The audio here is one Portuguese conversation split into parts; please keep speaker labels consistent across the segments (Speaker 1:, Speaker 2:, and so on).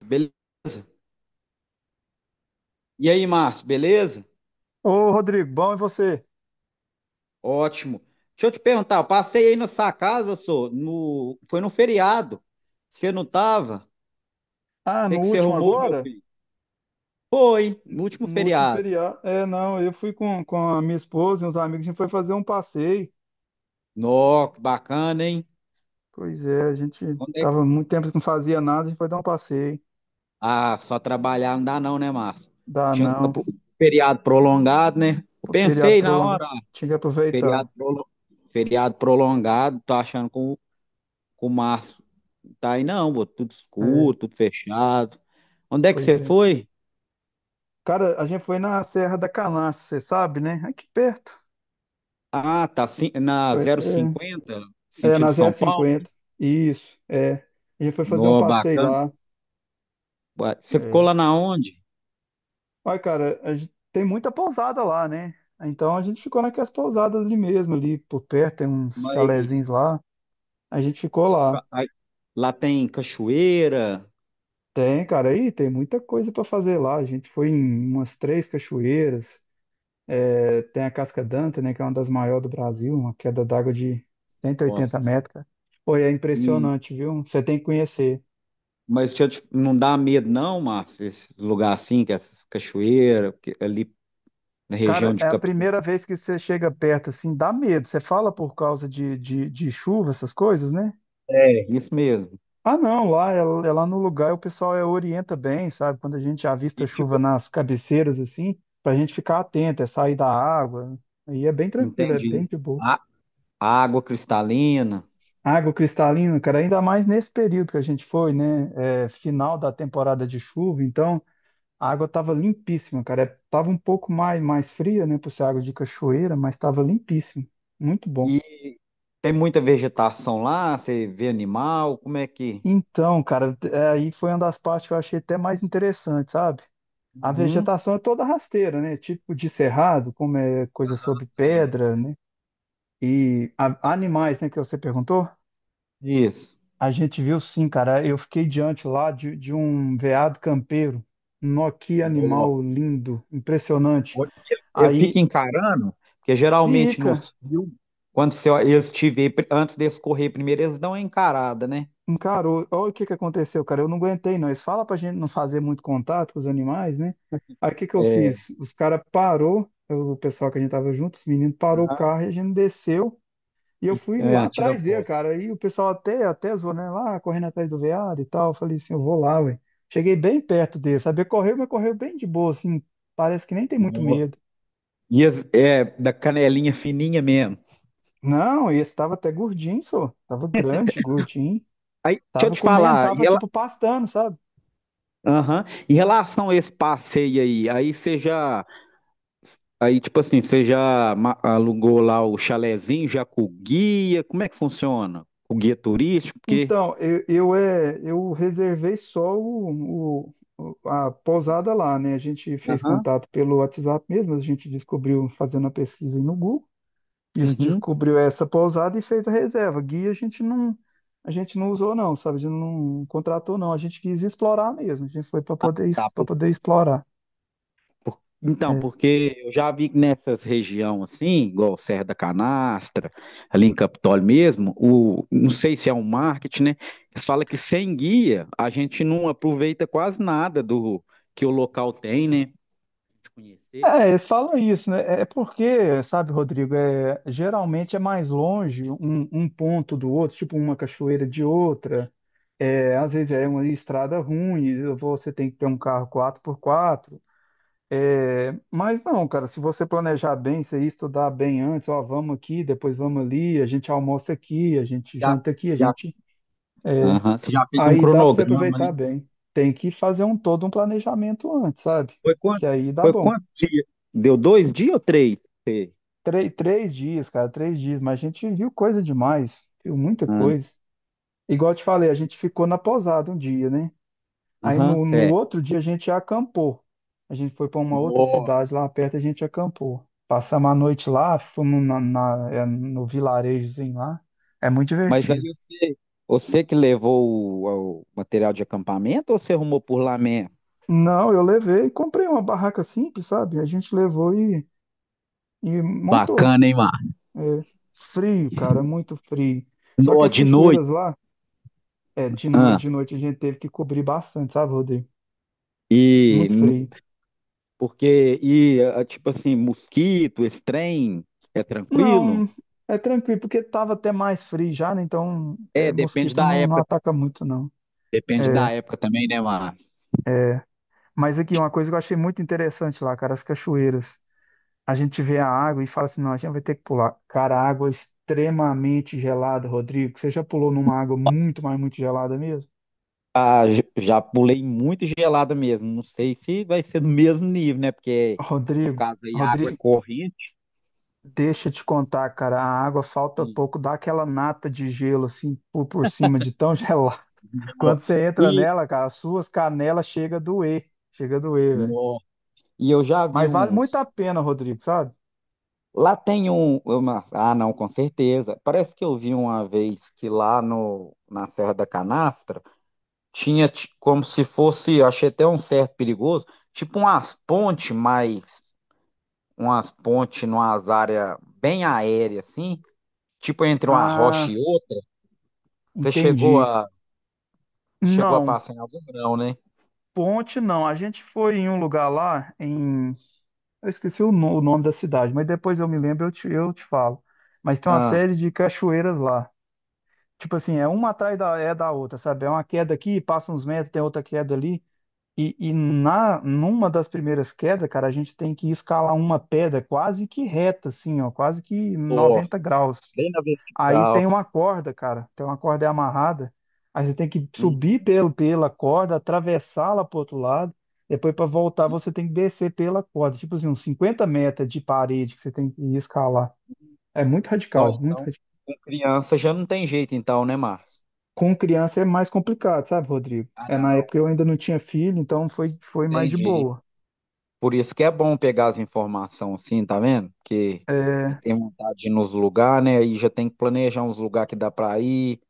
Speaker 1: Beleza. E aí, Márcio, beleza?
Speaker 2: Ô, Rodrigo, bom e você?
Speaker 1: Ótimo. Deixa eu te perguntar, eu passei aí na sua casa, só, foi no feriado. Você não tava?
Speaker 2: Ah,
Speaker 1: O que
Speaker 2: no
Speaker 1: que você
Speaker 2: último
Speaker 1: arrumou, meu
Speaker 2: agora?
Speaker 1: filho? Foi, no último
Speaker 2: No último
Speaker 1: feriado.
Speaker 2: feriado. É, não, eu fui com a minha esposa e uns amigos, a gente foi fazer um passeio.
Speaker 1: Nó, que bacana, hein?
Speaker 2: Pois é, a gente
Speaker 1: Onde é
Speaker 2: tava
Speaker 1: que-
Speaker 2: muito tempo que não fazia nada, a gente foi dar um passeio.
Speaker 1: Ah, só trabalhar não dá não, né, Márcio?
Speaker 2: Dá
Speaker 1: Tinha
Speaker 2: não.
Speaker 1: pro- feriado prolongado, né? Eu
Speaker 2: O feriado
Speaker 1: pensei na
Speaker 2: prolongado.
Speaker 1: hora,
Speaker 2: Tinha que aproveitar.
Speaker 1: feriado, prolo- feriado prolongado, tô achando que o Márcio tá aí não, pô, tudo
Speaker 2: É,
Speaker 1: escuro, tudo fechado. Onde é que
Speaker 2: pois
Speaker 1: você
Speaker 2: é.
Speaker 1: foi?
Speaker 2: Cara, a gente foi na Serra da Canastra, você sabe, né? Aqui perto.
Speaker 1: Ah, tá. Sim, na
Speaker 2: Foi-
Speaker 1: 050
Speaker 2: é,
Speaker 1: sentido
Speaker 2: na
Speaker 1: São Paulo.
Speaker 2: 050. Isso, é. A gente foi fazer um
Speaker 1: No,
Speaker 2: passeio
Speaker 1: bacana.
Speaker 2: lá.
Speaker 1: Ué, você ficou
Speaker 2: É.
Speaker 1: lá na onde?
Speaker 2: Olha, cara, a gente tem muita pousada lá, né? Então a gente ficou naquelas pousadas ali mesmo, ali por perto, tem uns
Speaker 1: Mas
Speaker 2: chalezinhos lá. A gente ficou lá.
Speaker 1: aí, lá tem cachoeira.
Speaker 2: Tem, cara, aí tem muita coisa pra fazer lá. A gente foi em umas três cachoeiras. É, tem a Casca Danta, né, que é uma das maiores do Brasil, uma queda d'água de cento e
Speaker 1: Nossa.
Speaker 2: oitenta metros, cara. Pô, e é
Speaker 1: E,
Speaker 2: impressionante, viu? Você tem que conhecer.
Speaker 1: mas deixa eu não dá medo, não, Márcio, esses lugares assim, que essas cachoeiras, porque ali na região
Speaker 2: Cara,
Speaker 1: de
Speaker 2: é a
Speaker 1: capital.
Speaker 2: primeira vez que você chega perto, assim, dá medo. Você fala por causa de chuva, essas coisas, né?
Speaker 1: É, isso mesmo.
Speaker 2: Ah, não, lá, é lá no lugar o pessoal é, orienta bem, sabe? Quando a gente avista
Speaker 1: E,
Speaker 2: chuva
Speaker 1: tipo,
Speaker 2: nas cabeceiras, assim, pra gente ficar atento, é sair da água. Aí é bem tranquilo, é bem
Speaker 1: entendi.
Speaker 2: de boa.
Speaker 1: A, a água cristalina.
Speaker 2: Água cristalina, cara, ainda mais nesse período que a gente foi, né? É, final da temporada de chuva, então a água tava limpíssima, cara. É, tava um pouco mais fria, né? Por ser água de cachoeira, mas tava limpíssima. Muito bom.
Speaker 1: E tem muita vegetação lá, você vê animal, como é que.
Speaker 2: Então, cara, é, aí foi uma das partes que eu achei até mais interessante, sabe? A
Speaker 1: Uhum.
Speaker 2: vegetação é toda rasteira, né? Tipo de cerrado, como é coisa sobre pedra, né? E animais, né, que você perguntou?
Speaker 1: Isso.
Speaker 2: A gente viu sim, cara. Eu fiquei diante lá de um veado campeiro. Nó, que
Speaker 1: No-
Speaker 2: animal lindo, impressionante.
Speaker 1: onde Ele fica
Speaker 2: Aí
Speaker 1: encarando, porque geralmente
Speaker 2: fica,
Speaker 1: nos filmes, quando você, eles te vê, antes deles correr primeiro, eles dão uma encarada, né?
Speaker 2: encarou. Olha o que que aconteceu, cara. Eu não aguentei, não. Eles falam pra gente não fazer muito contato com os animais, né? Aí o que que eu
Speaker 1: É,
Speaker 2: fiz? Os caras parou, o pessoal que a gente tava junto, os meninos parou o
Speaker 1: aham,
Speaker 2: carro e a gente desceu. E eu
Speaker 1: e,
Speaker 2: fui lá
Speaker 1: é, tira
Speaker 2: atrás dele,
Speaker 1: foto.
Speaker 2: cara. E o pessoal até zoou, né? Lá correndo atrás do veado e tal. Eu falei assim, eu vou lá, ué. Cheguei bem perto dele, sabia? Correu, mas correu bem de boa, assim. Parece que nem tem muito
Speaker 1: No-
Speaker 2: medo.
Speaker 1: E é, da canelinha fininha mesmo.
Speaker 2: Não, esse tava até gordinho, só. Tava grande, gordinho.
Speaker 1: Deixa eu
Speaker 2: Tava
Speaker 1: te
Speaker 2: comendo,
Speaker 1: falar, e
Speaker 2: tava
Speaker 1: ela,
Speaker 2: tipo pastando, sabe?
Speaker 1: aham, em relação a esse passeio aí, aí você já, aí tipo assim, você já alugou lá o chalezinho, já com o guia, como é que funciona? O guia turístico, porque...
Speaker 2: Então, eu, é, eu reservei só a pousada lá, né? A gente fez
Speaker 1: Aham,
Speaker 2: contato pelo WhatsApp mesmo, a gente descobriu fazendo a pesquisa no Google. Isso
Speaker 1: uhum.
Speaker 2: descobriu essa pousada e fez a reserva. Guia a gente não usou não, sabe? A gente não contratou não. A gente quis explorar mesmo. A gente foi para poder explorar.
Speaker 1: Então,
Speaker 2: É,
Speaker 1: porque eu já vi que nessas regiões assim, igual Serra da Canastra, ali em Capitólio mesmo, o, não sei se é um marketing, né? Eles falam que sem guia a gente não aproveita quase nada do que o local tem, né? De conhecer.
Speaker 2: é, eles falam isso, né? É porque, sabe, Rodrigo, é, geralmente é mais longe um ponto do outro, tipo uma cachoeira de outra. É, às vezes é uma estrada ruim, você tem que ter um carro 4x4. É, mas não, cara, se você planejar bem, se estudar bem antes, ó, vamos aqui, depois vamos ali, a gente almoça aqui, a gente
Speaker 1: Já,
Speaker 2: janta aqui, a
Speaker 1: já.
Speaker 2: gente.
Speaker 1: Aham, você já fez um
Speaker 2: Aí dá para você
Speaker 1: cronograma,
Speaker 2: aproveitar
Speaker 1: né?
Speaker 2: bem. Tem que fazer um todo um planejamento antes, sabe?
Speaker 1: Foi
Speaker 2: Que
Speaker 1: quanto?
Speaker 2: aí dá
Speaker 1: Foi
Speaker 2: bom.
Speaker 1: quantos dias? Deu 2 dias ou 3? Sei.
Speaker 2: Três dias, cara, 3 dias, mas a gente viu coisa demais, viu muita
Speaker 1: Ana?
Speaker 2: coisa. Igual eu te falei, a gente ficou na pousada um dia, né? Aí
Speaker 1: Aham,
Speaker 2: no
Speaker 1: certo.
Speaker 2: outro dia a gente acampou. A gente foi para uma outra cidade lá perto, a gente acampou. Passamos a noite lá, fomos na, no vilarejozinho lá. É muito
Speaker 1: Mas aí
Speaker 2: divertido.
Speaker 1: você, você que levou o material de acampamento ou você arrumou por lá mesmo?
Speaker 2: Não, eu levei, comprei uma barraca simples, sabe? A gente levou e montou.
Speaker 1: Bacana, hein, Mar?
Speaker 2: É, frio, cara, muito frio. Só que
Speaker 1: No,
Speaker 2: as
Speaker 1: de noite.
Speaker 2: cachoeiras lá, é, de, no,
Speaker 1: Ah,
Speaker 2: de noite a gente teve que cobrir bastante, sabe, Rodrigo?
Speaker 1: e
Speaker 2: Muito
Speaker 1: no-
Speaker 2: frio.
Speaker 1: porque tipo assim, mosquito, esse trem é tranquilo?
Speaker 2: Não, é tranquilo, porque estava até mais frio já, né? Então, é,
Speaker 1: É, depende
Speaker 2: mosquito
Speaker 1: da
Speaker 2: não
Speaker 1: época.
Speaker 2: ataca muito, não.
Speaker 1: Depende
Speaker 2: É,
Speaker 1: da época também, né, Mar?
Speaker 2: mas aqui, uma coisa que eu achei muito interessante lá, cara, as cachoeiras. A gente vê a água e fala assim, não, a gente vai ter que pular. Cara, a água é extremamente gelada, Rodrigo. Você já pulou numa água muito, mas muito gelada mesmo?
Speaker 1: Ah, já pulei muito gelada mesmo. Não sei se vai ser do mesmo nível, né? Porque no
Speaker 2: Rodrigo,
Speaker 1: caso aí a água é
Speaker 2: Rodrigo,
Speaker 1: corrente.
Speaker 2: deixa eu te contar, cara, a água falta
Speaker 1: Hum.
Speaker 2: pouco, dá aquela nata de gelo, assim, por cima de tão gelada.
Speaker 1: Nó.
Speaker 2: Quando você entra
Speaker 1: E,
Speaker 2: nela, cara, as suas canelas chega a doer. Chega a doer, velho.
Speaker 1: no, E eu já vi
Speaker 2: Mas vale muito
Speaker 1: uns.
Speaker 2: a pena, Rodrigo, sabe?
Speaker 1: Lá tem ah, não, com certeza. Parece que eu vi uma vez que lá no, na Serra da Canastra tinha como se fosse, eu achei até um certo perigoso, tipo umas pontes, mas umas pontes numas áreas bem aéreas, assim, tipo entre uma rocha e
Speaker 2: Ah,
Speaker 1: outra. Você chegou
Speaker 2: entendi.
Speaker 1: a, chegou a
Speaker 2: Não,
Speaker 1: passar em algum grão, né?
Speaker 2: ponte não. A gente foi em um lugar lá em. Eu esqueci o, o nome da cidade, mas depois eu me lembro, eu te falo. Mas tem uma
Speaker 1: Ah,
Speaker 2: série de cachoeiras lá. Tipo assim, é uma atrás da outra, sabe? É uma queda aqui, passa uns metros, tem outra queda ali. E numa das primeiras quedas, cara, a gente tem que escalar uma pedra quase que reta, assim, ó, quase que
Speaker 1: pô,
Speaker 2: 90 graus.
Speaker 1: bem na
Speaker 2: Aí tem
Speaker 1: vertical.
Speaker 2: uma corda, cara, tem uma corda amarrada. Aí você tem que subir
Speaker 1: Uhum.
Speaker 2: pela corda, atravessá-la pro outro lado. Depois, para voltar, você tem que descer pela corda. Tipo assim, uns 50 metros de parede que você tem que escalar. É muito
Speaker 1: Não,
Speaker 2: radical, muito
Speaker 1: então,
Speaker 2: radical.
Speaker 1: com criança já não tem jeito, então, né, Márcio?
Speaker 2: Com criança é mais complicado, sabe, Rodrigo?
Speaker 1: Ah,
Speaker 2: É, na
Speaker 1: não,
Speaker 2: época eu ainda não tinha filho, então foi mais de
Speaker 1: entendi.
Speaker 2: boa.
Speaker 1: Por isso que é bom pegar as informações assim, tá vendo? Porque a gente
Speaker 2: É,
Speaker 1: tem vontade de ir nos lugares, né? Aí já tem que planejar uns lugares que dá pra ir,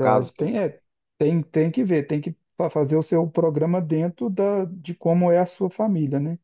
Speaker 1: caso que eu...
Speaker 2: Tem que ver, tem que fazer o seu programa dentro de como é a sua família, né?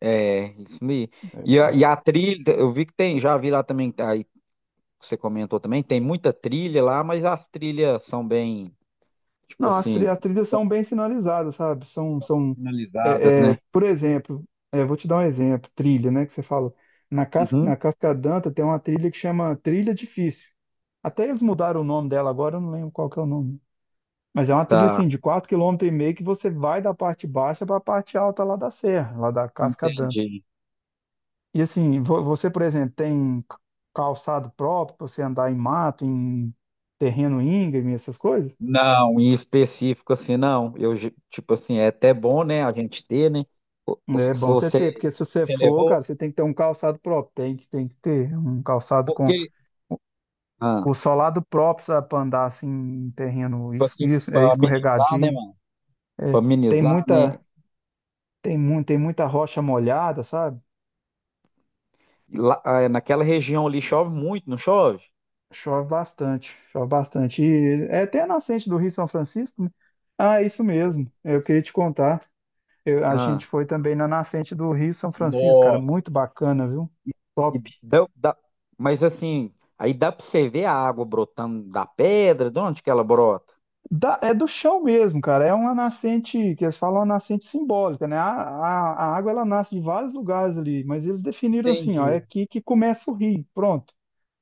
Speaker 1: É, isso aí. E a trilha, eu vi que tem, já vi lá também, tá, aí que você comentou também, tem muita trilha lá, mas as trilhas são bem, tipo
Speaker 2: Não, as, tri-
Speaker 1: assim,
Speaker 2: as trilhas são bem sinalizadas, sabe? São
Speaker 1: finalizadas,
Speaker 2: é, é,
Speaker 1: né?
Speaker 2: por exemplo, é, vou te dar um exemplo, trilha, né? Que você fala. Na
Speaker 1: Uhum.
Speaker 2: Cascadanta tem uma trilha que chama Trilha Difícil. Até eles mudaram o nome dela agora, eu não lembro qual que é o nome. Mas é uma trilha assim,
Speaker 1: Tá,
Speaker 2: de 4,5 km que você vai da parte baixa para a parte alta lá da serra, lá da Cascadanta.
Speaker 1: entendi.
Speaker 2: E assim, você, por exemplo, tem calçado próprio para você andar em mato, em terreno íngreme, essas coisas?
Speaker 1: Não, em específico assim, não. Tipo assim, é até bom, né, a gente ter, né?
Speaker 2: É
Speaker 1: Se
Speaker 2: bom você
Speaker 1: você,
Speaker 2: ter, porque se você
Speaker 1: você
Speaker 2: for,
Speaker 1: levou,
Speaker 2: cara, você tem que ter um calçado próprio, tem que ter um calçado com
Speaker 1: porque ah,
Speaker 2: o solado próprio, sabe, para andar assim em terreno
Speaker 1: tipo aqui pra amenizar, né,
Speaker 2: escorregadio.
Speaker 1: mano? Pra
Speaker 2: É, tem
Speaker 1: amenizar, né?
Speaker 2: muita, tem muita rocha molhada, sabe?
Speaker 1: Lá, ah, naquela região ali chove muito, não chove?
Speaker 2: Chove bastante, chove bastante. E é até a nascente do Rio São Francisco, né? Ah, isso mesmo, eu queria te contar. A
Speaker 1: Ah.
Speaker 2: gente foi também na nascente do Rio São Francisco, cara,
Speaker 1: Nó.
Speaker 2: muito bacana, viu?
Speaker 1: E
Speaker 2: Top.
Speaker 1: dá, dá- mas assim, aí dá pra você ver a água brotando da pedra, de onde que ela brota?
Speaker 2: É do chão mesmo, cara. É uma nascente, que eles falam uma nascente simbólica, né? A água ela nasce de vários lugares ali, mas eles definiram assim, ó, é
Speaker 1: Entendi.
Speaker 2: aqui que começa o rio, pronto.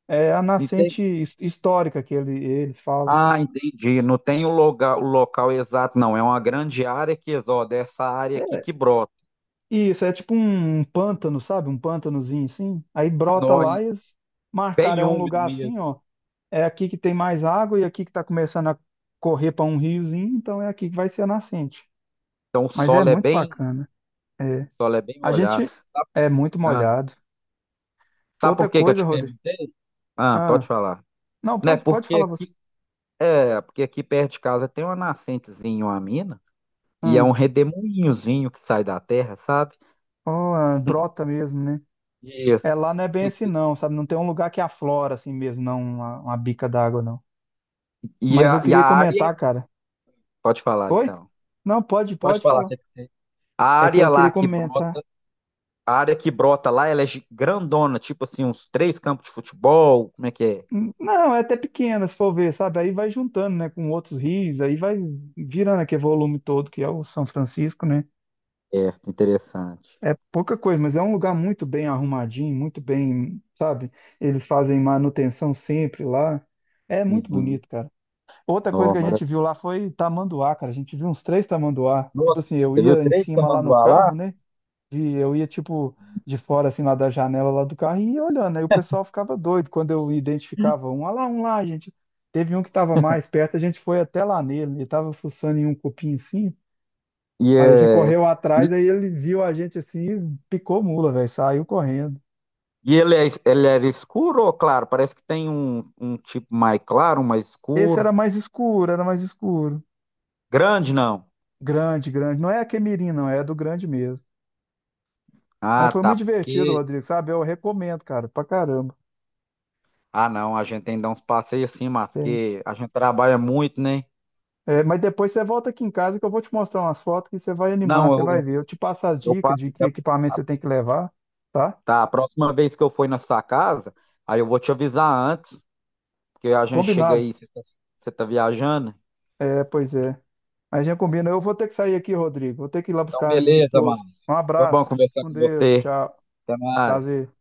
Speaker 2: É a
Speaker 1: E
Speaker 2: nascente histórica que eles falam.
Speaker 1: ah, entendi. Não tem o local exato, não. É uma grande área que, ó, dessa área aqui
Speaker 2: É
Speaker 1: que brota.
Speaker 2: isso, é tipo um pântano, sabe? Um pântanozinho assim. Aí brota
Speaker 1: Nó, e
Speaker 2: lá e eles marcaram,
Speaker 1: bem
Speaker 2: é um
Speaker 1: úmido
Speaker 2: lugar
Speaker 1: mesmo.
Speaker 2: assim, ó. É aqui que tem mais água e aqui que está começando a correr para um riozinho, então é aqui que vai ser a nascente.
Speaker 1: Então o
Speaker 2: Mas é
Speaker 1: solo é
Speaker 2: muito
Speaker 1: bem,
Speaker 2: bacana.
Speaker 1: o solo é bem
Speaker 2: A gente
Speaker 1: molhado.
Speaker 2: é muito
Speaker 1: Ah,
Speaker 2: molhado.
Speaker 1: sabe
Speaker 2: Outra
Speaker 1: por que que eu
Speaker 2: coisa,
Speaker 1: te
Speaker 2: Rodrigo.
Speaker 1: perguntei? Ah, pode
Speaker 2: Ah,
Speaker 1: falar.
Speaker 2: não,
Speaker 1: Né?
Speaker 2: pode, pode falar você.
Speaker 1: Porque aqui perto de casa tem uma nascentezinha, uma mina, e é
Speaker 2: Ah,
Speaker 1: um redemoinhozinho que sai da terra, sabe?
Speaker 2: oh, ah, brota mesmo, né? É,
Speaker 1: Isso.
Speaker 2: lá não é bem assim
Speaker 1: Que-
Speaker 2: não, sabe? Não tem um lugar que aflora assim mesmo, não, uma bica d'água, não.
Speaker 1: e
Speaker 2: Mas eu
Speaker 1: e a
Speaker 2: queria
Speaker 1: área.
Speaker 2: comentar, cara.
Speaker 1: Pode falar,
Speaker 2: Oi?
Speaker 1: então.
Speaker 2: Não, pode,
Speaker 1: Pode
Speaker 2: pode
Speaker 1: falar,
Speaker 2: falar.
Speaker 1: quer dizer, A
Speaker 2: É que
Speaker 1: área
Speaker 2: eu
Speaker 1: lá
Speaker 2: queria
Speaker 1: que brota,
Speaker 2: comentar.
Speaker 1: a área que brota lá, ela é grandona, tipo assim, uns 3 campos de futebol. Como é que é?
Speaker 2: Não, é até pequena, se for ver, sabe? Aí vai juntando, né, com outros rios, aí vai virando aquele volume todo que é o São Francisco, né?
Speaker 1: É, interessante.
Speaker 2: É pouca coisa, mas é um lugar muito bem arrumadinho, muito bem, sabe? Eles fazem manutenção sempre lá. É muito
Speaker 1: Uhum.
Speaker 2: bonito, cara. Outra coisa
Speaker 1: Nó,
Speaker 2: que a gente viu
Speaker 1: maravilha.
Speaker 2: lá foi tamanduá, cara. A gente viu uns três tamanduá. Tipo
Speaker 1: Nossa,
Speaker 2: assim, eu
Speaker 1: você viu
Speaker 2: ia em
Speaker 1: três
Speaker 2: cima lá no
Speaker 1: tamanduá lá?
Speaker 2: carro, né? E eu ia, tipo, de fora, assim, lá da janela lá do carro e ia olhando. Aí o pessoal ficava doido quando eu identificava um. Olha lá, um lá, gente. Teve um que tava mais perto, a gente foi até lá nele. Ele tava fuçando em um cupim assim.
Speaker 1: E,
Speaker 2: Aí a gente
Speaker 1: é,
Speaker 2: correu atrás, aí ele viu a gente assim, e picou mula, velho, saiu correndo.
Speaker 1: e ele, é, ele era escuro ou claro? Parece que tem um, um tipo mais claro, um mais
Speaker 2: Esse
Speaker 1: escuro.
Speaker 2: era mais escuro, era mais escuro.
Speaker 1: Grande, não.
Speaker 2: Grande, grande. Não é a Quemirim, não, é a do grande mesmo. Mas
Speaker 1: Ah,
Speaker 2: foi
Speaker 1: tá.
Speaker 2: muito divertido,
Speaker 1: Porque.
Speaker 2: Rodrigo, sabe? Eu recomendo, cara, pra caramba.
Speaker 1: Ah, não, a gente tem que dar uns passeios assim, mas porque a gente trabalha muito, né?
Speaker 2: É, mas depois você volta aqui em casa que eu vou te mostrar umas fotos que você vai animar,
Speaker 1: Não,
Speaker 2: você vai ver. Eu te passo as
Speaker 1: eu
Speaker 2: dicas
Speaker 1: passo.
Speaker 2: de que equipamento você tem que levar, tá?
Speaker 1: Tá, a próxima vez que eu for na sua casa, aí eu vou te avisar antes, porque a gente chega
Speaker 2: Combinado.
Speaker 1: aí, você tá viajando.
Speaker 2: É, pois é. Mas já combina. Eu vou ter que sair aqui, Rodrigo. Vou ter que ir lá
Speaker 1: Então,
Speaker 2: buscar a minha
Speaker 1: beleza, mano.
Speaker 2: esposa. Um
Speaker 1: Foi bom
Speaker 2: abraço. Fique
Speaker 1: conversar
Speaker 2: com
Speaker 1: com
Speaker 2: Deus.
Speaker 1: você.
Speaker 2: Tchau.
Speaker 1: Até mais.
Speaker 2: Prazer.